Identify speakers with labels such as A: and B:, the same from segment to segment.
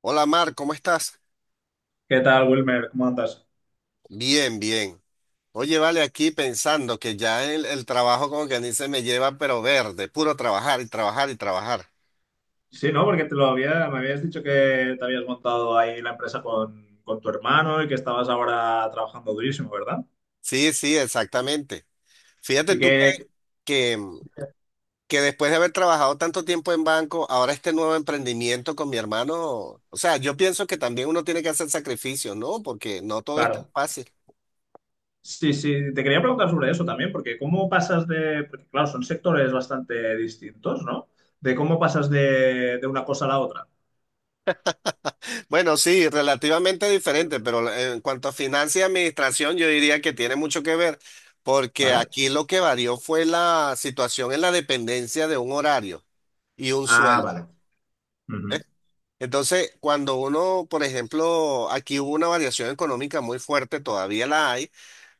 A: Hola Mar, ¿cómo estás?
B: ¿Qué tal, Wilmer? ¿Cómo andas?
A: Bien, bien. Oye, vale, aquí pensando que ya el trabajo como que a se me lleva pero verde, puro trabajar y trabajar y trabajar.
B: Sí, ¿no? Porque me habías dicho que te habías montado ahí la empresa con tu hermano y que estabas ahora trabajando durísimo, ¿verdad?
A: Sí, sí, exactamente. Fíjate
B: Y
A: tú
B: que,
A: que, que después de haber trabajado tanto tiempo en banco, ahora este nuevo emprendimiento con mi hermano, o sea, yo pienso que también uno tiene que hacer sacrificios, ¿no? Porque no todo es tan
B: claro,
A: fácil.
B: sí, te quería preguntar sobre eso también, porque porque claro, son sectores bastante distintos, ¿no? De cómo pasas de una cosa a la otra.
A: Bueno, sí, relativamente diferente,
B: Curioso.
A: pero en cuanto a finanzas y administración, yo diría que tiene mucho que ver, porque
B: ¿Vale?
A: aquí lo que varió fue la situación en la dependencia de un horario y un
B: Ah,
A: sueldo.
B: vale.
A: ¿Eh?
B: Ujú.
A: Entonces, cuando uno, por ejemplo, aquí hubo una variación económica muy fuerte, todavía la hay,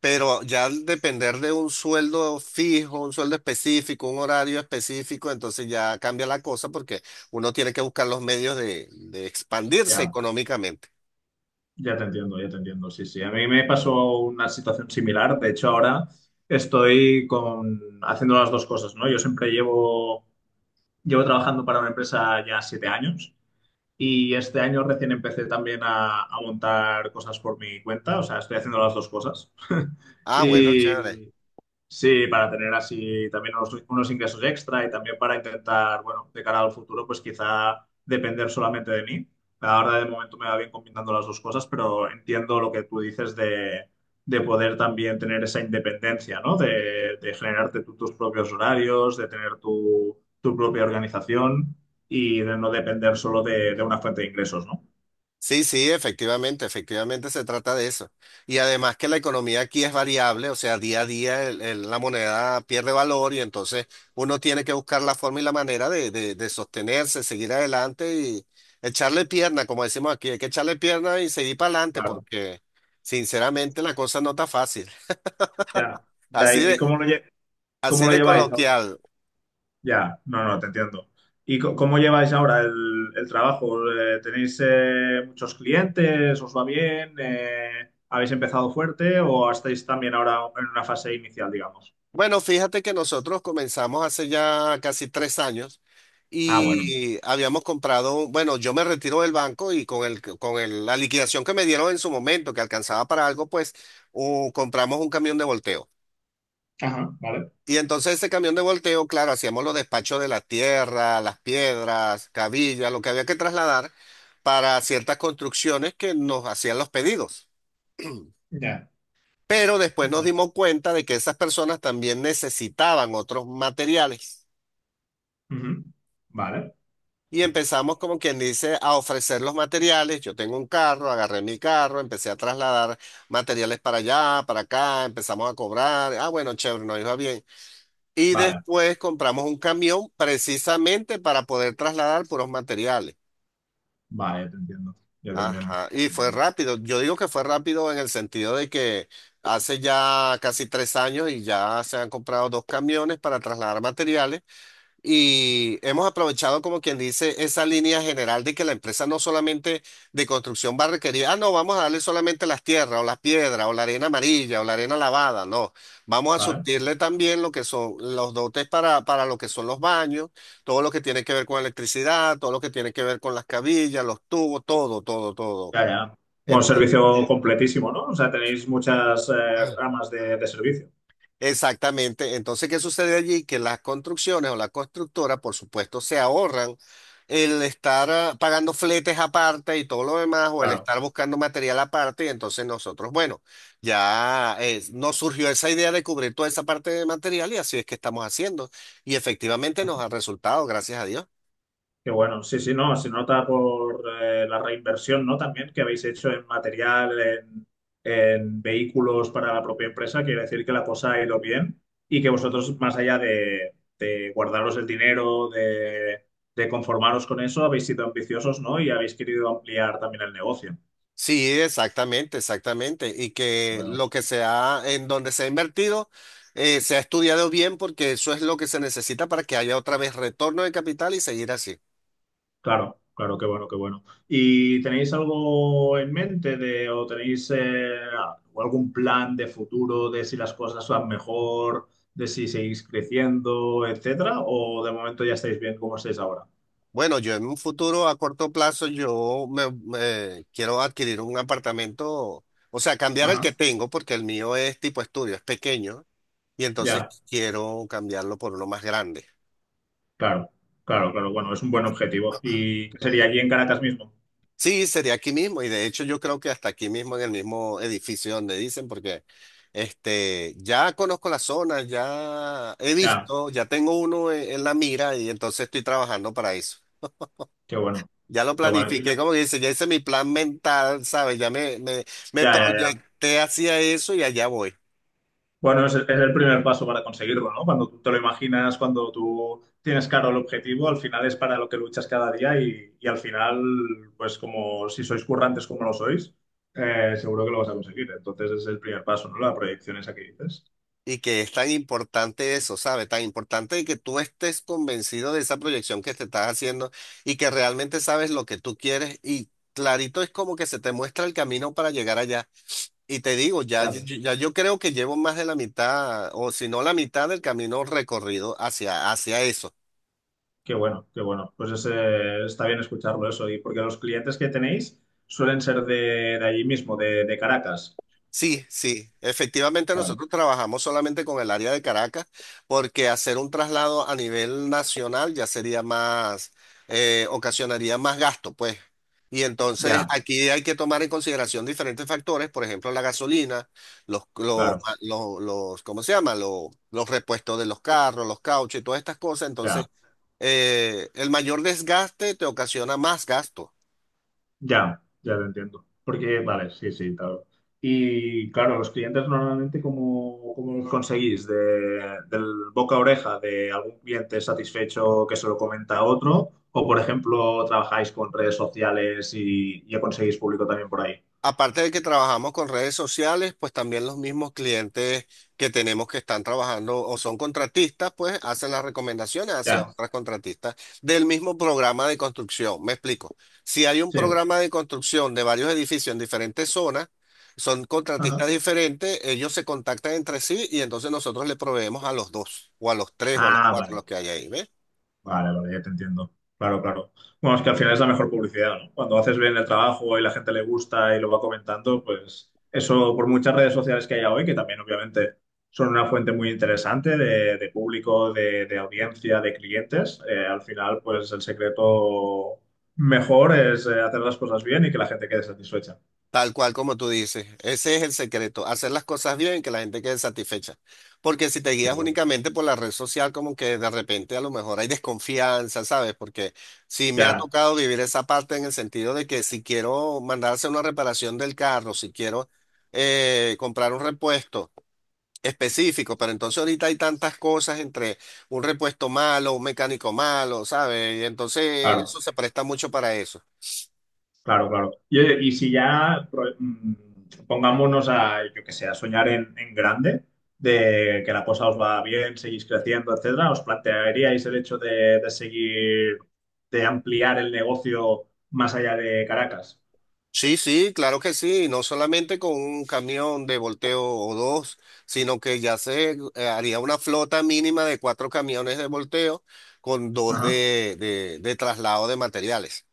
A: pero ya al depender de un sueldo fijo, un sueldo específico, un horario específico, entonces ya cambia la cosa porque uno tiene que buscar los medios de expandirse
B: Ya.
A: económicamente.
B: Ya te entiendo, ya te entiendo. Sí, sí. A mí me pasó una situación similar. De hecho, ahora haciendo las dos cosas, ¿no? Llevo trabajando para una empresa ya 7 años y este año recién empecé también a montar cosas por mi cuenta. O sea, estoy haciendo las dos cosas.
A: Ah, bueno,
B: Y,
A: chévere.
B: sí, para tener así también unos ingresos extra y también para intentar, bueno, de cara al futuro, pues quizá depender solamente de mí. Ahora de momento me va bien combinando las dos cosas, pero entiendo lo que tú dices de poder también tener esa independencia, ¿no? De generarte tú tus propios horarios, de tener tu propia organización y de no depender solo de una fuente de ingresos, ¿no?
A: Sí, sí, efectivamente, efectivamente se trata de eso. Y además que la economía aquí es variable, o sea, día a día la moneda pierde valor y entonces uno tiene que buscar la forma y la manera de sostenerse, seguir adelante y echarle pierna, como decimos aquí, hay que echarle pierna y seguir para adelante
B: Claro,
A: porque sinceramente la cosa no está fácil.
B: ya, ya.
A: Así
B: ¿Y
A: de,
B: cómo
A: así
B: lo
A: de
B: lleváis ahora?
A: coloquial.
B: Ya, no, no, te entiendo. ¿Y cómo lleváis ahora el trabajo? ¿Tenéis muchos clientes? ¿Os va bien? ¿Habéis empezado fuerte o estáis también ahora en una fase inicial, digamos?
A: Bueno, fíjate que nosotros comenzamos hace ya casi 3 años
B: Ah, bueno.
A: y habíamos comprado, bueno, yo me retiro del banco y la liquidación que me dieron en su momento, que alcanzaba para algo, pues compramos un camión de volteo.
B: Ajá, vale.
A: Y entonces ese camión de volteo, claro, hacíamos los despachos de la tierra, las piedras, cabillas, lo que había que trasladar para ciertas construcciones que nos hacían los pedidos.
B: Ya.
A: Pero después nos
B: Vale.
A: dimos cuenta de que esas personas también necesitaban otros materiales.
B: Ujú. Vale,
A: Y empezamos, como quien dice, a ofrecer los materiales. Yo tengo un carro, agarré mi carro, empecé a trasladar materiales para allá, para acá, empezamos a cobrar. Ah, bueno, chévere, nos iba bien. Y
B: vale,
A: después compramos un camión precisamente para poder trasladar puros materiales.
B: vale, ya te entiendo. Ya te entiendo.
A: Ajá, y fue rápido. Yo digo que fue rápido en el sentido de que hace ya casi 3 años y ya se han comprado dos camiones para trasladar materiales. Y hemos aprovechado, como quien dice, esa línea general de que la empresa no solamente de construcción va a requerir, ah, no, vamos a darle solamente las tierras o las piedras o la arena amarilla o la arena lavada, no, vamos a
B: Vale,
A: surtirle también lo que son los dotes para lo que son los baños, todo lo que tiene que ver con electricidad, todo lo que tiene que ver con las cabillas, los tubos, todo, todo, todo.
B: ya, ya. Bueno,
A: Entonces,
B: servicio completísimo, ¿no? O sea, tenéis muchas ramas de servicio.
A: Exactamente. Entonces, ¿qué sucede allí? Que las construcciones o la constructora, por supuesto, se ahorran el estar pagando fletes aparte y todo lo demás, o el
B: Claro.
A: estar buscando material aparte, y entonces nosotros, bueno, ya nos surgió esa idea de cubrir toda esa parte de material y así es que estamos haciendo. Y efectivamente nos ha resultado, gracias a Dios.
B: Qué bueno, sí, sí, no, se nota por la reinversión, ¿no? También que habéis hecho en material, en vehículos para la propia empresa, quiere decir que la cosa ha ido bien y que vosotros, más allá de guardaros el dinero, de conformaros con eso, habéis sido ambiciosos, ¿no? Y habéis querido ampliar también el negocio.
A: Sí, exactamente, exactamente. Y que
B: Bueno.
A: lo que se ha, en donde se ha invertido, se ha estudiado bien porque eso es lo que se necesita para que haya otra vez retorno de capital y seguir así.
B: Claro, claro, qué bueno, qué bueno. ¿Y tenéis algo en mente de, o tenéis o algún plan de futuro de si las cosas van mejor, de si seguís creciendo, etcétera? ¿O de momento ya estáis bien como estáis ahora?
A: Bueno, yo en un futuro a corto plazo, yo me quiero adquirir un apartamento, o sea, cambiar el
B: Ajá,
A: que tengo porque el mío es tipo estudio, es pequeño, y entonces
B: ya,
A: quiero cambiarlo por uno más grande.
B: claro, claro, claro. Bueno, es un buen objetivo. ¿Y qué sería aquí en Caracas mismo?
A: Sí, sería aquí mismo, y de hecho yo creo que hasta aquí mismo en el mismo edificio donde dicen, porque este, ya conozco la zona, ya he
B: Ya,
A: visto, ya tengo uno en la mira y entonces estoy trabajando para eso.
B: qué bueno,
A: Ya lo
B: qué bueno. Y
A: planifiqué, como que dice, ya hice mi plan mental, ¿sabes? Ya me
B: ya, ya, ya.
A: proyecté hacia eso y allá voy.
B: Bueno, es el primer paso para conseguirlo, ¿no? Cuando tú te lo imaginas, cuando tú tienes claro el objetivo, al final es para lo que luchas cada día y al final, pues como si sois currantes como lo sois, seguro que lo vas a conseguir. Entonces es el primer paso, ¿no? La proyección esa que dices.
A: Y que es tan importante eso, ¿sabes? Tan importante de que tú estés convencido de esa proyección que te estás haciendo y que realmente sabes lo que tú quieres y clarito es como que se te muestra el camino para llegar allá. Y te digo, ya,
B: Ya
A: ya,
B: ves.
A: ya yo creo que llevo más de la mitad o si no la mitad del camino recorrido hacia eso.
B: Qué bueno, qué bueno. Pues está bien escucharlo eso. Y porque los clientes que tenéis suelen ser de allí mismo, de Caracas.
A: Sí, sí, efectivamente
B: Claro.
A: nosotros trabajamos solamente con el área de Caracas porque hacer un traslado a nivel nacional ya sería más, ocasionaría más gasto, pues. Y entonces
B: Ya,
A: aquí hay que tomar en consideración diferentes factores, por ejemplo, la gasolina,
B: claro,
A: ¿cómo se llama? Los repuestos de los carros, los cauchos y todas estas cosas.
B: ya.
A: Entonces, el mayor desgaste te ocasiona más gasto.
B: Ya, ya lo entiendo. Porque, vale, sí, sí, claro. Y claro, los clientes normalmente, ¿cómo los conseguís? De, ¿del boca a oreja de algún cliente satisfecho que se lo comenta a otro? ¿O, por ejemplo, trabajáis con redes sociales y conseguís público también por ahí?
A: Aparte de que trabajamos con redes sociales, pues también los mismos clientes que tenemos que están trabajando o son contratistas, pues hacen las recomendaciones hacia
B: Ya,
A: otras contratistas del mismo programa de construcción. Me explico. Si hay un
B: sí.
A: programa de construcción de varios edificios en diferentes zonas, son contratistas
B: Ajá.
A: diferentes, ellos se contactan entre sí y entonces nosotros le proveemos a los dos, o a los tres, o a los
B: Ah,
A: cuatro,
B: vale.
A: los que hay ahí, ¿ves?
B: Vale, vale, ya te entiendo. Claro, claro. Bueno, es que al final es la mejor publicidad, ¿no? Cuando haces bien el trabajo y la gente le gusta y lo va comentando, pues eso por muchas redes sociales que haya hoy, que también obviamente son una fuente muy interesante de público, de audiencia, de clientes, al final pues el secreto mejor es hacer las cosas bien y que la gente quede satisfecha.
A: Tal cual como tú dices, ese es el secreto, hacer las cosas bien que la gente quede satisfecha. Porque si te
B: Qué
A: guías
B: bueno,
A: únicamente por la red social, como que de repente a lo mejor hay desconfianza, ¿sabes? Porque sí me ha
B: ya,
A: tocado vivir esa parte en el sentido de que si quiero mandarse una reparación del carro, si quiero comprar un repuesto específico, pero entonces ahorita hay tantas cosas entre un repuesto malo, un mecánico malo, ¿sabes? Y entonces
B: claro.
A: eso se presta mucho para eso.
B: Claro, claro. Y, oye, y si ya pongámonos a, yo que sé, a soñar en grande, de que la cosa os va bien, seguís creciendo, etcétera, ¿os plantearíais el hecho de seguir, de ampliar el negocio más allá de Caracas?
A: Sí, sí, claro que sí, no solamente con un camión de volteo o dos, sino que ya se haría una flota mínima de cuatro camiones de volteo con dos
B: Ajá.
A: de traslado de materiales.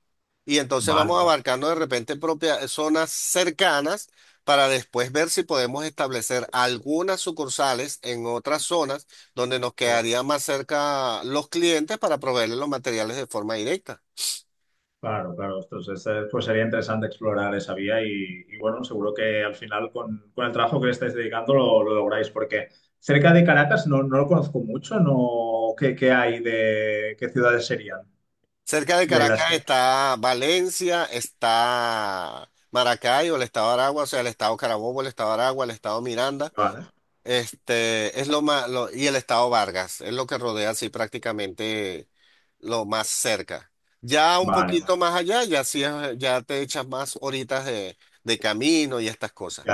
A: Y entonces
B: Vale,
A: vamos
B: vale.
A: abarcando de repente propias zonas cercanas para después ver si podemos establecer algunas sucursales en otras zonas donde nos
B: Qué bueno.
A: quedaría más cerca los clientes para proveerles los materiales de forma directa.
B: Claro, claro. Entonces, pues sería interesante explorar esa vía y, bueno, seguro que al final con el trabajo que le estáis dedicando lo lográis, porque cerca de Caracas no, no lo conozco mucho, no, qué hay de, qué ciudades serían?
A: Cerca de
B: De las
A: Caracas
B: que...
A: está Valencia, está Maracaibo, el estado de Aragua, o sea, el estado Carabobo, el estado de Aragua, el estado Miranda,
B: Vale,
A: este, es lo más, y el estado Vargas, es lo que rodea así prácticamente lo más cerca. Ya un poquito
B: vale,
A: más allá, ya sí ya te echas más horitas de camino y estas cosas.
B: ya,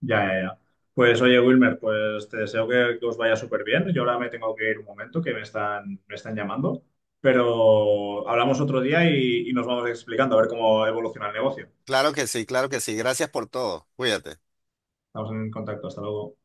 B: ya. Pues oye, Wilmer, pues te deseo que os vaya súper bien. Yo ahora me tengo que ir un momento, que me están llamando, pero hablamos otro día y nos vamos explicando a ver cómo evoluciona el negocio.
A: Claro que sí, claro que sí. Gracias por todo. Cuídate.
B: Estamos en contacto, hasta luego.